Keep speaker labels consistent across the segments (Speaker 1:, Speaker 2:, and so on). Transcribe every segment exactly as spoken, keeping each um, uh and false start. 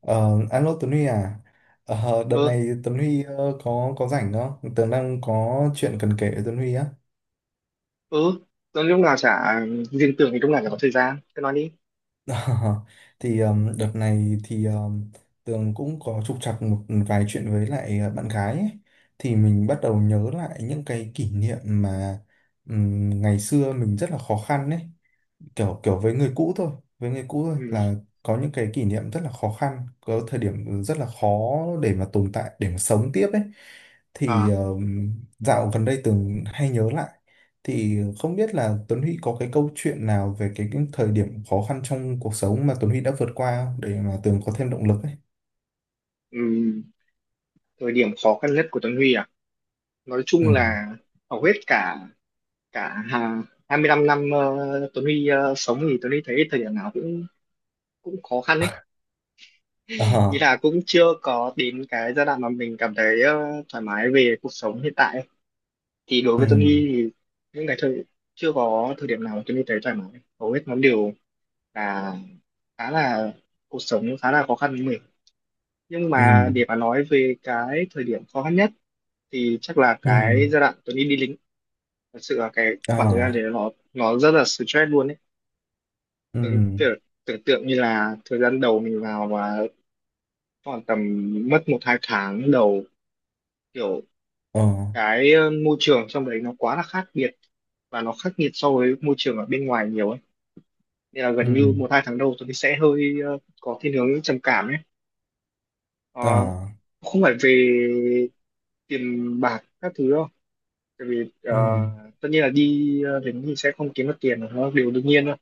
Speaker 1: Ờ, Alo Tuấn Huy à? Ờ, đợt
Speaker 2: ừ
Speaker 1: này Tuấn Huy ờ, có có rảnh không? Tớ đang có chuyện cần kể với Tuấn Huy á.
Speaker 2: ừ Rồi lúc nào chả riêng tưởng thì lúc nào chả có thời gian, cứ nói đi.
Speaker 1: Thì ờm, đợt này thì ờm, Tường cũng có trục trặc một vài chuyện với lại ờ, bạn gái ấy. Thì mình bắt đầu nhớ lại những cái kỷ niệm mà ừm, ngày xưa mình rất là khó khăn ấy. Kiểu kiểu với người cũ thôi, với người cũ thôi
Speaker 2: Ừ.
Speaker 1: là có những cái kỷ niệm rất là khó khăn, có thời điểm rất là khó để mà tồn tại, để mà sống tiếp ấy. Thì
Speaker 2: À.
Speaker 1: ờm, dạo gần đây Tường hay nhớ lại, thì không biết là Tuấn Huy có cái câu chuyện nào về cái, cái thời điểm khó khăn trong cuộc sống mà Tuấn Huy đã vượt qua không? Để mà Tường có thêm động lực ấy.
Speaker 2: Ừ. Thời điểm khó khăn nhất của Tuấn Huy à, nói chung
Speaker 1: Ừ,
Speaker 2: là hầu hết cả cả hà- hai mươi lăm năm ờ, Tuấn Huy ờ, sống thì Tuấn Huy thấy thời điểm nào cũng cũng khó khăn ấy,
Speaker 1: ờ,
Speaker 2: ý là cũng chưa có đến cái giai đoạn mà mình cảm thấy ờ, thoải mái về cuộc sống hiện tại ấy. Thì đối
Speaker 1: ừ,
Speaker 2: với Tuấn Huy thì những cái thời, chưa có thời điểm nào mà Tuấn Huy thấy thoải mái, hầu hết nó đều là khá là, cuộc sống khá là khó khăn. Nhưng mà
Speaker 1: ừ,
Speaker 2: để mà nói về cái thời điểm khó khăn nhất thì chắc là
Speaker 1: ừ,
Speaker 2: cái giai đoạn tôi đi đi lính, thật sự là cái
Speaker 1: ờ,
Speaker 2: khoảng thời gian đấy nó nó rất là stress luôn ấy. Tưởng
Speaker 1: ừ,
Speaker 2: tưởng tưởng tượng như là thời gian đầu mình vào và khoảng tầm, mất một hai tháng đầu, kiểu
Speaker 1: ờ,
Speaker 2: cái ờ, môi trường trong đấy nó quá là khác biệt và nó khắc nghiệt so với môi trường ở bên ngoài nhiều ấy, nên là
Speaker 1: ừ,
Speaker 2: gần như một hai tháng đầu tôi sẽ hơi ờ, có thiên hướng trầm cảm ấy. Ờ,
Speaker 1: ờ,
Speaker 2: Không phải về tiền bạc các thứ đâu. Tại vì ờ,
Speaker 1: ừ,
Speaker 2: tất nhiên là đi ờ, đến thì sẽ không kiếm được tiền, nó là điều đương nhiên thôi,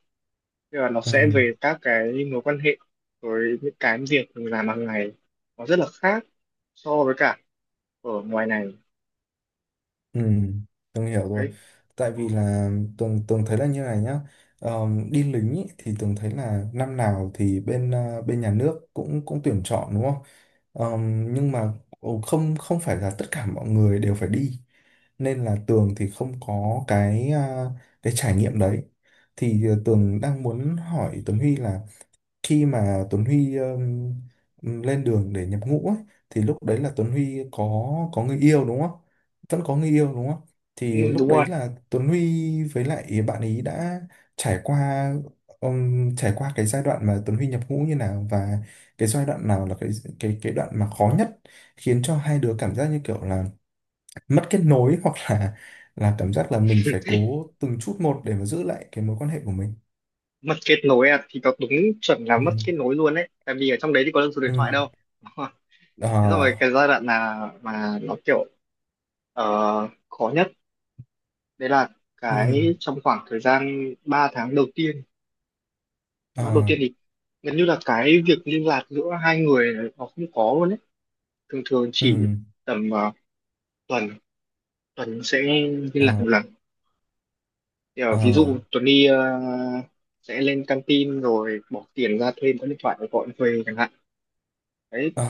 Speaker 2: nhưng mà nó
Speaker 1: ừ.
Speaker 2: sẽ về các cái mối quan hệ với những cái việc mình làm hàng ngày, nó rất là khác so với cả ở ngoài này.
Speaker 1: Ừ, Tường hiểu rồi.
Speaker 2: Đấy.
Speaker 1: Tại vì là Tường Tường thấy là như này nhá. Ờm, đi lính ý, thì Tường thấy là năm nào thì bên à, bên nhà nước cũng cũng tuyển chọn đúng không? Ờm, nhưng mà ồ, không không phải là tất cả mọi người đều phải đi. Nên là Tường thì không có cái à, cái trải nghiệm đấy. Thì à, Tường đang muốn hỏi Tuấn Huy là khi mà Tuấn Huy um, lên đường để nhập ngũ ấy, thì lúc đấy là Tuấn Huy có có người yêu đúng không? Vẫn có người yêu đúng không?
Speaker 2: Ừ,
Speaker 1: Thì lúc
Speaker 2: đúng rồi.
Speaker 1: đấy là Tuấn Huy với lại bạn ấy đã trải qua um, trải qua cái giai đoạn mà Tuấn Huy nhập ngũ như nào, và cái giai đoạn nào là cái cái cái đoạn mà khó nhất, khiến cho hai đứa cảm giác như kiểu là mất kết nối hoặc là là cảm giác là mình phải cố từng chút một để mà giữ lại cái mối quan hệ của mình.
Speaker 2: Mất kết nối à, thì nó đúng chuẩn là
Speaker 1: Ừ.
Speaker 2: mất kết nối luôn đấy, tại vì ở trong đấy thì có được số điện
Speaker 1: Ừ.
Speaker 2: thoại đâu. Đúng rồi. Thế
Speaker 1: Ờ.
Speaker 2: rồi cái giai đoạn là mà nó kiểu ờ, khó nhất đấy là
Speaker 1: Ừ.
Speaker 2: cái trong khoảng thời gian ba tháng đầu tiên,
Speaker 1: Ờ,
Speaker 2: ba đầu tiên thì gần như là cái việc liên lạc giữa hai người này nó không có luôn ấy, thường thường chỉ
Speaker 1: ừ,
Speaker 2: tầm ờ, tuần, tuần sẽ liên lạc
Speaker 1: ờ,
Speaker 2: một lần. Thì, ờ,
Speaker 1: ờ,
Speaker 2: ví dụ Tuấn đi ờ, sẽ lên căng tin rồi bỏ tiền ra thuê một điện thoại để gọi thuê chẳng hạn. Đấy,
Speaker 1: ờ,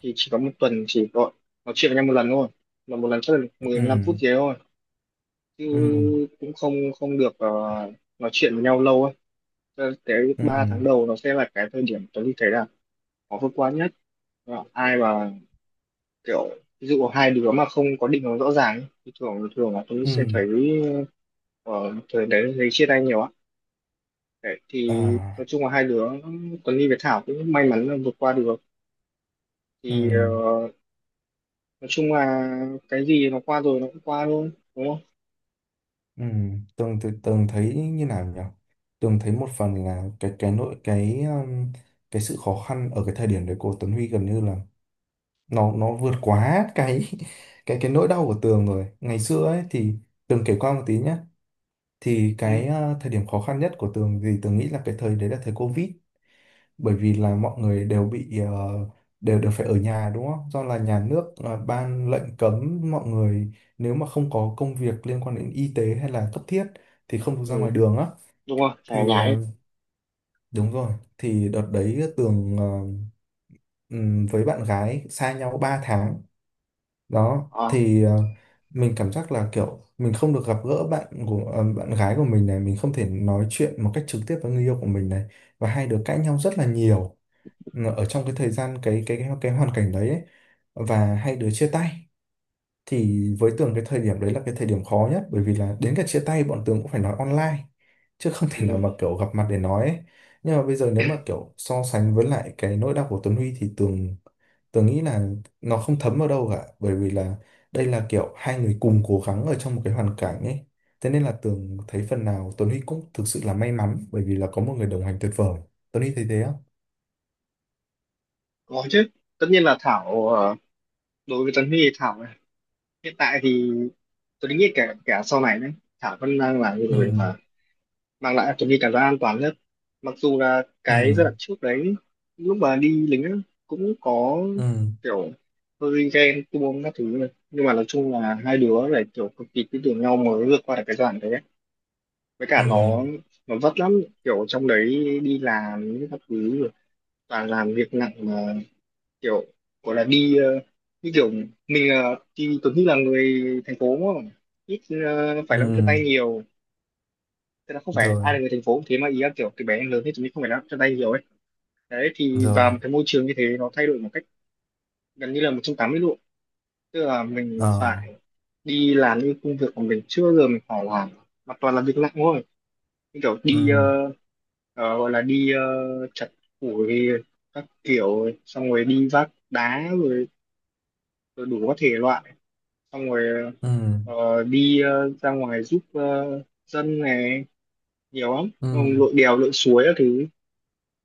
Speaker 2: thì chỉ có một tuần chỉ gọi nói chuyện với nhau một lần thôi, mà một lần chắc là mười
Speaker 1: ừ,
Speaker 2: lăm phút gì đấy thôi, chứ
Speaker 1: ừ,
Speaker 2: cũng không không được ờ, nói chuyện với nhau lâu ấy. Cho nên cái
Speaker 1: ừ,
Speaker 2: ba tháng đầu nó sẽ là cái thời điểm Tuấn đi thấy là khó vượt qua nhất. Và ai mà kiểu, ví dụ hai đứa mà không có định hướng rõ ràng ấy, thì thường thường là tôi sẽ
Speaker 1: ừ,
Speaker 2: thấy ở thời đấy thấy chia tay nhiều á. Đấy,
Speaker 1: ờ,
Speaker 2: thì nói chung là hai đứa Tuấn Ly với Thảo cũng may mắn là vượt qua được.
Speaker 1: ừ,
Speaker 2: Thì ờ, nói chung là cái gì nó qua rồi nó cũng qua thôi, đúng không.
Speaker 1: ừ. Tường thì Tường thấy như nào nhỉ? Tường thấy một phần là cái cái nội cái um, cái sự khó khăn ở cái thời điểm đấy của Tuấn Huy gần như là nó nó vượt quá cái cái cái nỗi đau của Tường rồi ngày xưa ấy, thì Tường kể qua một tí nhé. Thì
Speaker 2: Ừ.
Speaker 1: cái uh, thời điểm khó khăn nhất của Tường thì Tường nghĩ là cái thời đấy là thời Covid, bởi vì là mọi người đều bị ờ, đều đều phải ở nhà đúng không? Do là nhà nước ờ, ban lệnh cấm mọi người, nếu mà không có công việc liên quan đến y tế hay là cấp thiết thì không được ra
Speaker 2: Ừ,
Speaker 1: ngoài đường á.
Speaker 2: đúng rồi, phải ở
Speaker 1: Thì
Speaker 2: nhà
Speaker 1: ờ,
Speaker 2: hết.
Speaker 1: đúng rồi, thì đợt đấy Tường ờ, ừm, với bạn gái xa nhau ba tháng. Đó,
Speaker 2: À.
Speaker 1: thì ờ, mình cảm giác là kiểu mình không được gặp gỡ bạn của ờ, bạn gái của mình này, mình không thể nói chuyện một cách trực tiếp với người yêu của mình này, và hai đứa cãi nhau rất là nhiều ở trong cái thời gian cái cái cái, cái hoàn cảnh đấy ấy, và hai đứa chia tay. Thì với Tường cái thời điểm đấy là cái thời điểm khó nhất, bởi vì là đến cả chia tay bọn Tường cũng phải nói online chứ không thể nào mà
Speaker 2: Ừ.
Speaker 1: kiểu gặp mặt để nói ấy. Nhưng mà bây giờ nếu mà kiểu so sánh với lại cái nỗi đau của Tuấn Huy thì Tường Tường nghĩ là nó không thấm vào đâu cả, bởi vì là đây là kiểu hai người cùng cố gắng ở trong một cái hoàn cảnh ấy. Thế nên là Tường thấy phần nào Tuấn Huy cũng thực sự là may mắn, bởi vì là có một người đồng hành tuyệt vời. Tuấn Huy thấy thế không?
Speaker 2: Có chứ, tất nhiên là Thảo ờ, đối với Tuấn Huy thì Thảo này, hiện tại thì tôi nghĩ kể cả sau này đấy Thảo vẫn đang là người
Speaker 1: Ừ,
Speaker 2: mà mang lại cho mình cảm giác an toàn nhất, mặc dù là
Speaker 1: ừ.
Speaker 2: cái giai đoạn trước đấy, lúc mà đi lính á, cũng có
Speaker 1: Ừ,
Speaker 2: kiểu hơi ghen tuông các thứ này, nhưng mà nói chung là hai đứa phải kiểu cực kỳ tin tưởng nhau mới vượt qua được cái giai đoạn đấy ấy. Với
Speaker 1: ừ,
Speaker 2: cả nó nó vất lắm, kiểu trong đấy đi làm những các thứ rồi, toàn làm việc nặng mà, kiểu gọi là đi ờ, như kiểu mình ờ, thì Tuấn Huy là người thành phố mà ít ờ, phải làm chân tay
Speaker 1: ừ.
Speaker 2: nhiều, tức là không phải ai là
Speaker 1: Rồi,
Speaker 2: người thành phố cũng thế, mà ý là kiểu từ bé đến lớn thì chúng mình không phải là chân tay nhiều ấy. Đấy, thì vào
Speaker 1: rồi.
Speaker 2: một cái môi trường như thế nó thay đổi một cách gần như là một trăm tám mươi độ, tức là mình
Speaker 1: Ờ,
Speaker 2: phải đi làm những công việc mà mình chưa bao giờ mình phải làm, mà toàn là việc nặng thôi, như kiểu
Speaker 1: ừ,
Speaker 2: đi ờ, ờ, gọi là đi ờ, chặt củi các kiểu, xong rồi đi vác đá rồi, rồi đủ các thể loại, xong rồi
Speaker 1: ừ,
Speaker 2: ờ, đi ờ, ra ngoài giúp ờ, dân này nhiều lắm. Xong rồi
Speaker 1: ừ,
Speaker 2: lội đèo lội suối các thứ,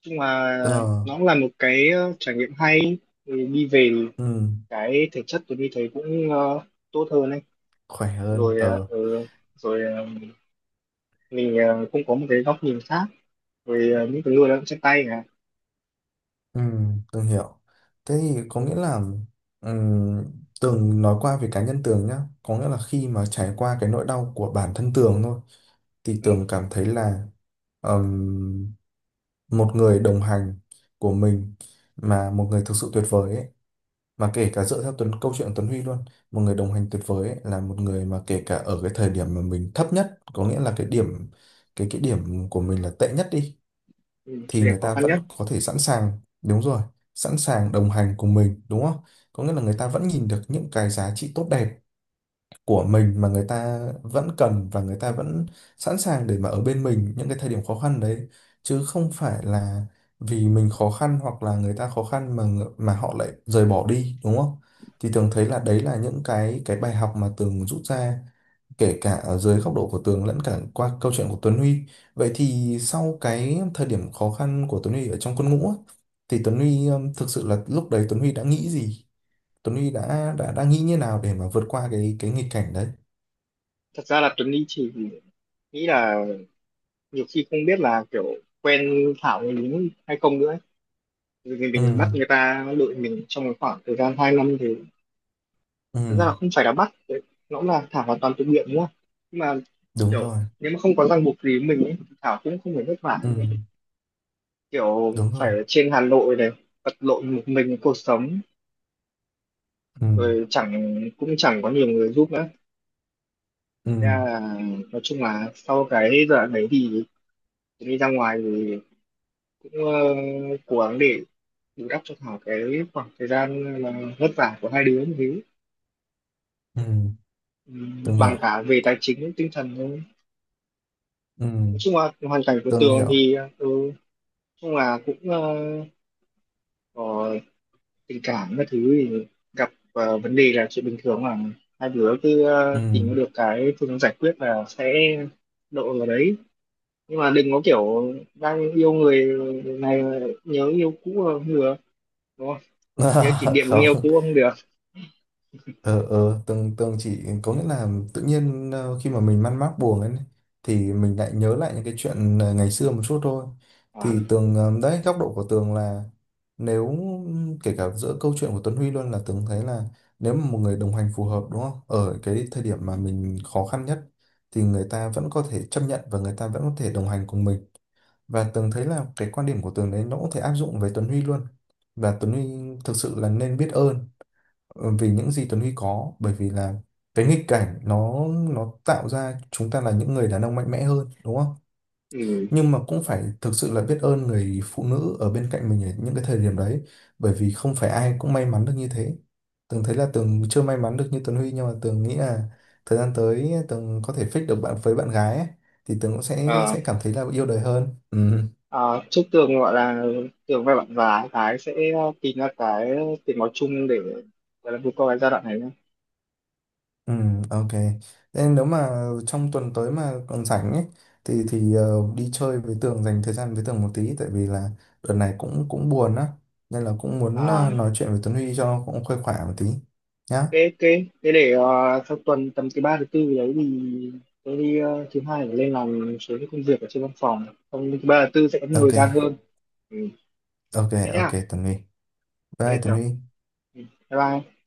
Speaker 2: nhưng mà
Speaker 1: ờ,
Speaker 2: nó cũng là một cái ờ, trải nghiệm hay. Thì đi về thì
Speaker 1: ừ.
Speaker 2: cái thể chất tôi đi thấy cũng ờ, tốt hơn ấy,
Speaker 1: Khỏe hơn.
Speaker 2: rồi ờ,
Speaker 1: Ờ,
Speaker 2: ừ, rồi ờ, mình ờ, cũng có một cái góc nhìn khác, rồi ờ, những cái người lao động chân tay là.
Speaker 1: ừ. Tường hiểu. Thế thì có nghĩa là ừ, Tường nói qua về cá nhân Tường nhá, có nghĩa là khi mà trải qua cái nỗi đau của bản thân Tường thôi, thì
Speaker 2: Ừ.
Speaker 1: Tường cảm thấy là ừm, một người đồng hành của mình, mà một người thực sự tuyệt vời ấy, mà kể cả dựa theo Tuấn câu chuyện của Tuấn Huy luôn, một người đồng hành tuyệt vời ấy, là một người mà kể cả ở cái thời điểm mà mình thấp nhất, có nghĩa là cái điểm, cái cái điểm của mình là tệ nhất đi,
Speaker 2: Ừ,
Speaker 1: thì
Speaker 2: thời điểm
Speaker 1: người
Speaker 2: khó
Speaker 1: ta
Speaker 2: khăn nhất,
Speaker 1: vẫn có thể sẵn sàng, đúng rồi, sẵn sàng đồng hành cùng mình đúng không? Có nghĩa là người ta vẫn nhìn được những cái giá trị tốt đẹp của mình mà người ta vẫn cần, và người ta vẫn sẵn sàng để mà ở bên mình những cái thời điểm khó khăn đấy, chứ không phải là vì mình khó khăn hoặc là người ta khó khăn mà ngự- mà họ lại rời bỏ đi đúng không? Thì Tường thấy là đấy là những cái cái bài học mà Tường rút ra, kể cả ở dưới góc độ của Tường lẫn cả qua câu chuyện của Tuấn Huy. Vậy thì sau cái thời điểm khó khăn của Tuấn Huy ở trong quân ngũ á, thì Tuấn Huy um, thực sự là lúc đấy Tuấn Huy đã nghĩ gì? Tuấn Huy đã đã đã nghĩ như nào để mà vượt qua cái cái nghịch cảnh đấy?
Speaker 2: thật ra là Tuấn đi chỉ nghĩ là nhiều khi không biết là kiểu quen Thảo người đúng hay không nữa ấy. Vì mình, mình bắt
Speaker 1: Ừ,
Speaker 2: người ta đội mình trong một khoảng thời gian hai năm thì,
Speaker 1: ừ.
Speaker 2: thật ra là không phải là bắt đấy, nó cũng là thả hoàn toàn tự nguyện đúng không, nhưng mà
Speaker 1: Đúng
Speaker 2: kiểu,
Speaker 1: rồi.
Speaker 2: nếu mà không có ràng buộc gì với mình ấy, thì Thảo cũng không phải vất vả
Speaker 1: Ừ.
Speaker 2: như vậy. Kiểu
Speaker 1: Đúng
Speaker 2: phải
Speaker 1: rồi.
Speaker 2: ở trên Hà Nội này vật lộn một mình cuộc sống,
Speaker 1: Ừ,
Speaker 2: rồi chẳng, cũng chẳng có nhiều người giúp nữa.
Speaker 1: ừ,
Speaker 2: Thế là nói chung là sau cái giai đoạn đấy thì Tuyền đi ra ngoài thì cũng ờ, cố gắng để bù đắp cho Thảo cái khoảng thời gian mà vất vả của hai đứa như thế.
Speaker 1: ừ.
Speaker 2: Ừ,
Speaker 1: Tường
Speaker 2: bằng
Speaker 1: hiểu.
Speaker 2: cả về tài chính tinh thần thôi,
Speaker 1: Ừ.
Speaker 2: nói chung là hoàn cảnh của
Speaker 1: Tường
Speaker 2: Tường
Speaker 1: hiểu.
Speaker 2: thì ừ, nhưng mà cũng ờ, có tình cảm các thứ thì gặp ờ, vấn đề là chuyện bình thường mà, hai đứa cứ
Speaker 1: Ừ.
Speaker 2: ờ, tìm được cái phương giải quyết là sẽ độ vào đấy, nhưng mà đừng có kiểu đang yêu người này mà nhớ yêu cũ là không được, đúng không, nhớ kỷ niệm người yêu
Speaker 1: Không.
Speaker 2: cũ không được.
Speaker 1: Ờ, ờ, tường tường chỉ có nghĩa là tự nhiên ờ, khi mà mình man mác buồn ấy, thì mình lại nhớ lại những cái chuyện ờ, ngày xưa một chút thôi.
Speaker 2: À.
Speaker 1: Thì Tường ờ, đấy, góc độ của Tường là, nếu kể cả giữa câu chuyện của Tuấn Huy luôn, là Tường thấy là nếu mà một người đồng hành phù hợp đúng không, ở cái thời điểm mà mình khó khăn nhất, thì người ta vẫn có thể chấp nhận và người ta vẫn có thể đồng hành cùng mình. Và Tường thấy là cái quan điểm của Tường đấy nó cũng thể áp dụng với Tuấn Huy luôn, và Tuấn Huy thực sự là nên biết ơn ờ, về những gì Tuấn Huy có, bởi vì là cái nghịch cảnh nó nó tạo ra chúng ta là những người đàn ông mạnh mẽ hơn đúng không?
Speaker 2: Ừ.
Speaker 1: Nhưng mà cũng phải thực sự là biết ơn người phụ nữ ở bên cạnh mình ở những cái thời điểm đấy, bởi vì không phải ai cũng may mắn được như thế. Tường thấy là Tường chưa may mắn được như Tuấn Huy, nhưng mà Tường nghĩ là thời gian tới Tường có thể fix được bạn với bạn gái ấy, thì Tường cũng sẽ
Speaker 2: ờ,
Speaker 1: sẽ cảm thấy là yêu đời hơn. Ừ.
Speaker 2: ờ, chúc Tường gọi là, Tường và bạn và Thái sẽ ờ, tìm ra cái tiếng nói chung để gọi là vượt qua cái giai đoạn này nhé.
Speaker 1: Ừ, ok. Thế nếu mà trong tuần tới mà còn rảnh ấy, thì thì ờ, đi chơi với Tường, dành thời gian với Tường một tí, tại vì là đợt này cũng cũng buồn á, nên là cũng muốn
Speaker 2: À,
Speaker 1: ờ, nói chuyện với Tuấn Huy cho nó cũng khuây khỏa một tí nhá.
Speaker 2: thế thế thế để ờ, sau tuần tầm thứ ba thứ tư gì đấy thì tôi đi ờ, thứ hai để lên làm một số cái công việc ở trên văn phòng, xong thứ ba thứ tư sẽ có nhiều thời
Speaker 1: Ok,
Speaker 2: gian hơn. Ừ.
Speaker 1: ok,
Speaker 2: Thế
Speaker 1: ok
Speaker 2: nhá.
Speaker 1: Tuấn Huy. Bye
Speaker 2: Ok,
Speaker 1: Tuấn
Speaker 2: chào.
Speaker 1: Huy.
Speaker 2: Ừ. Bye bye.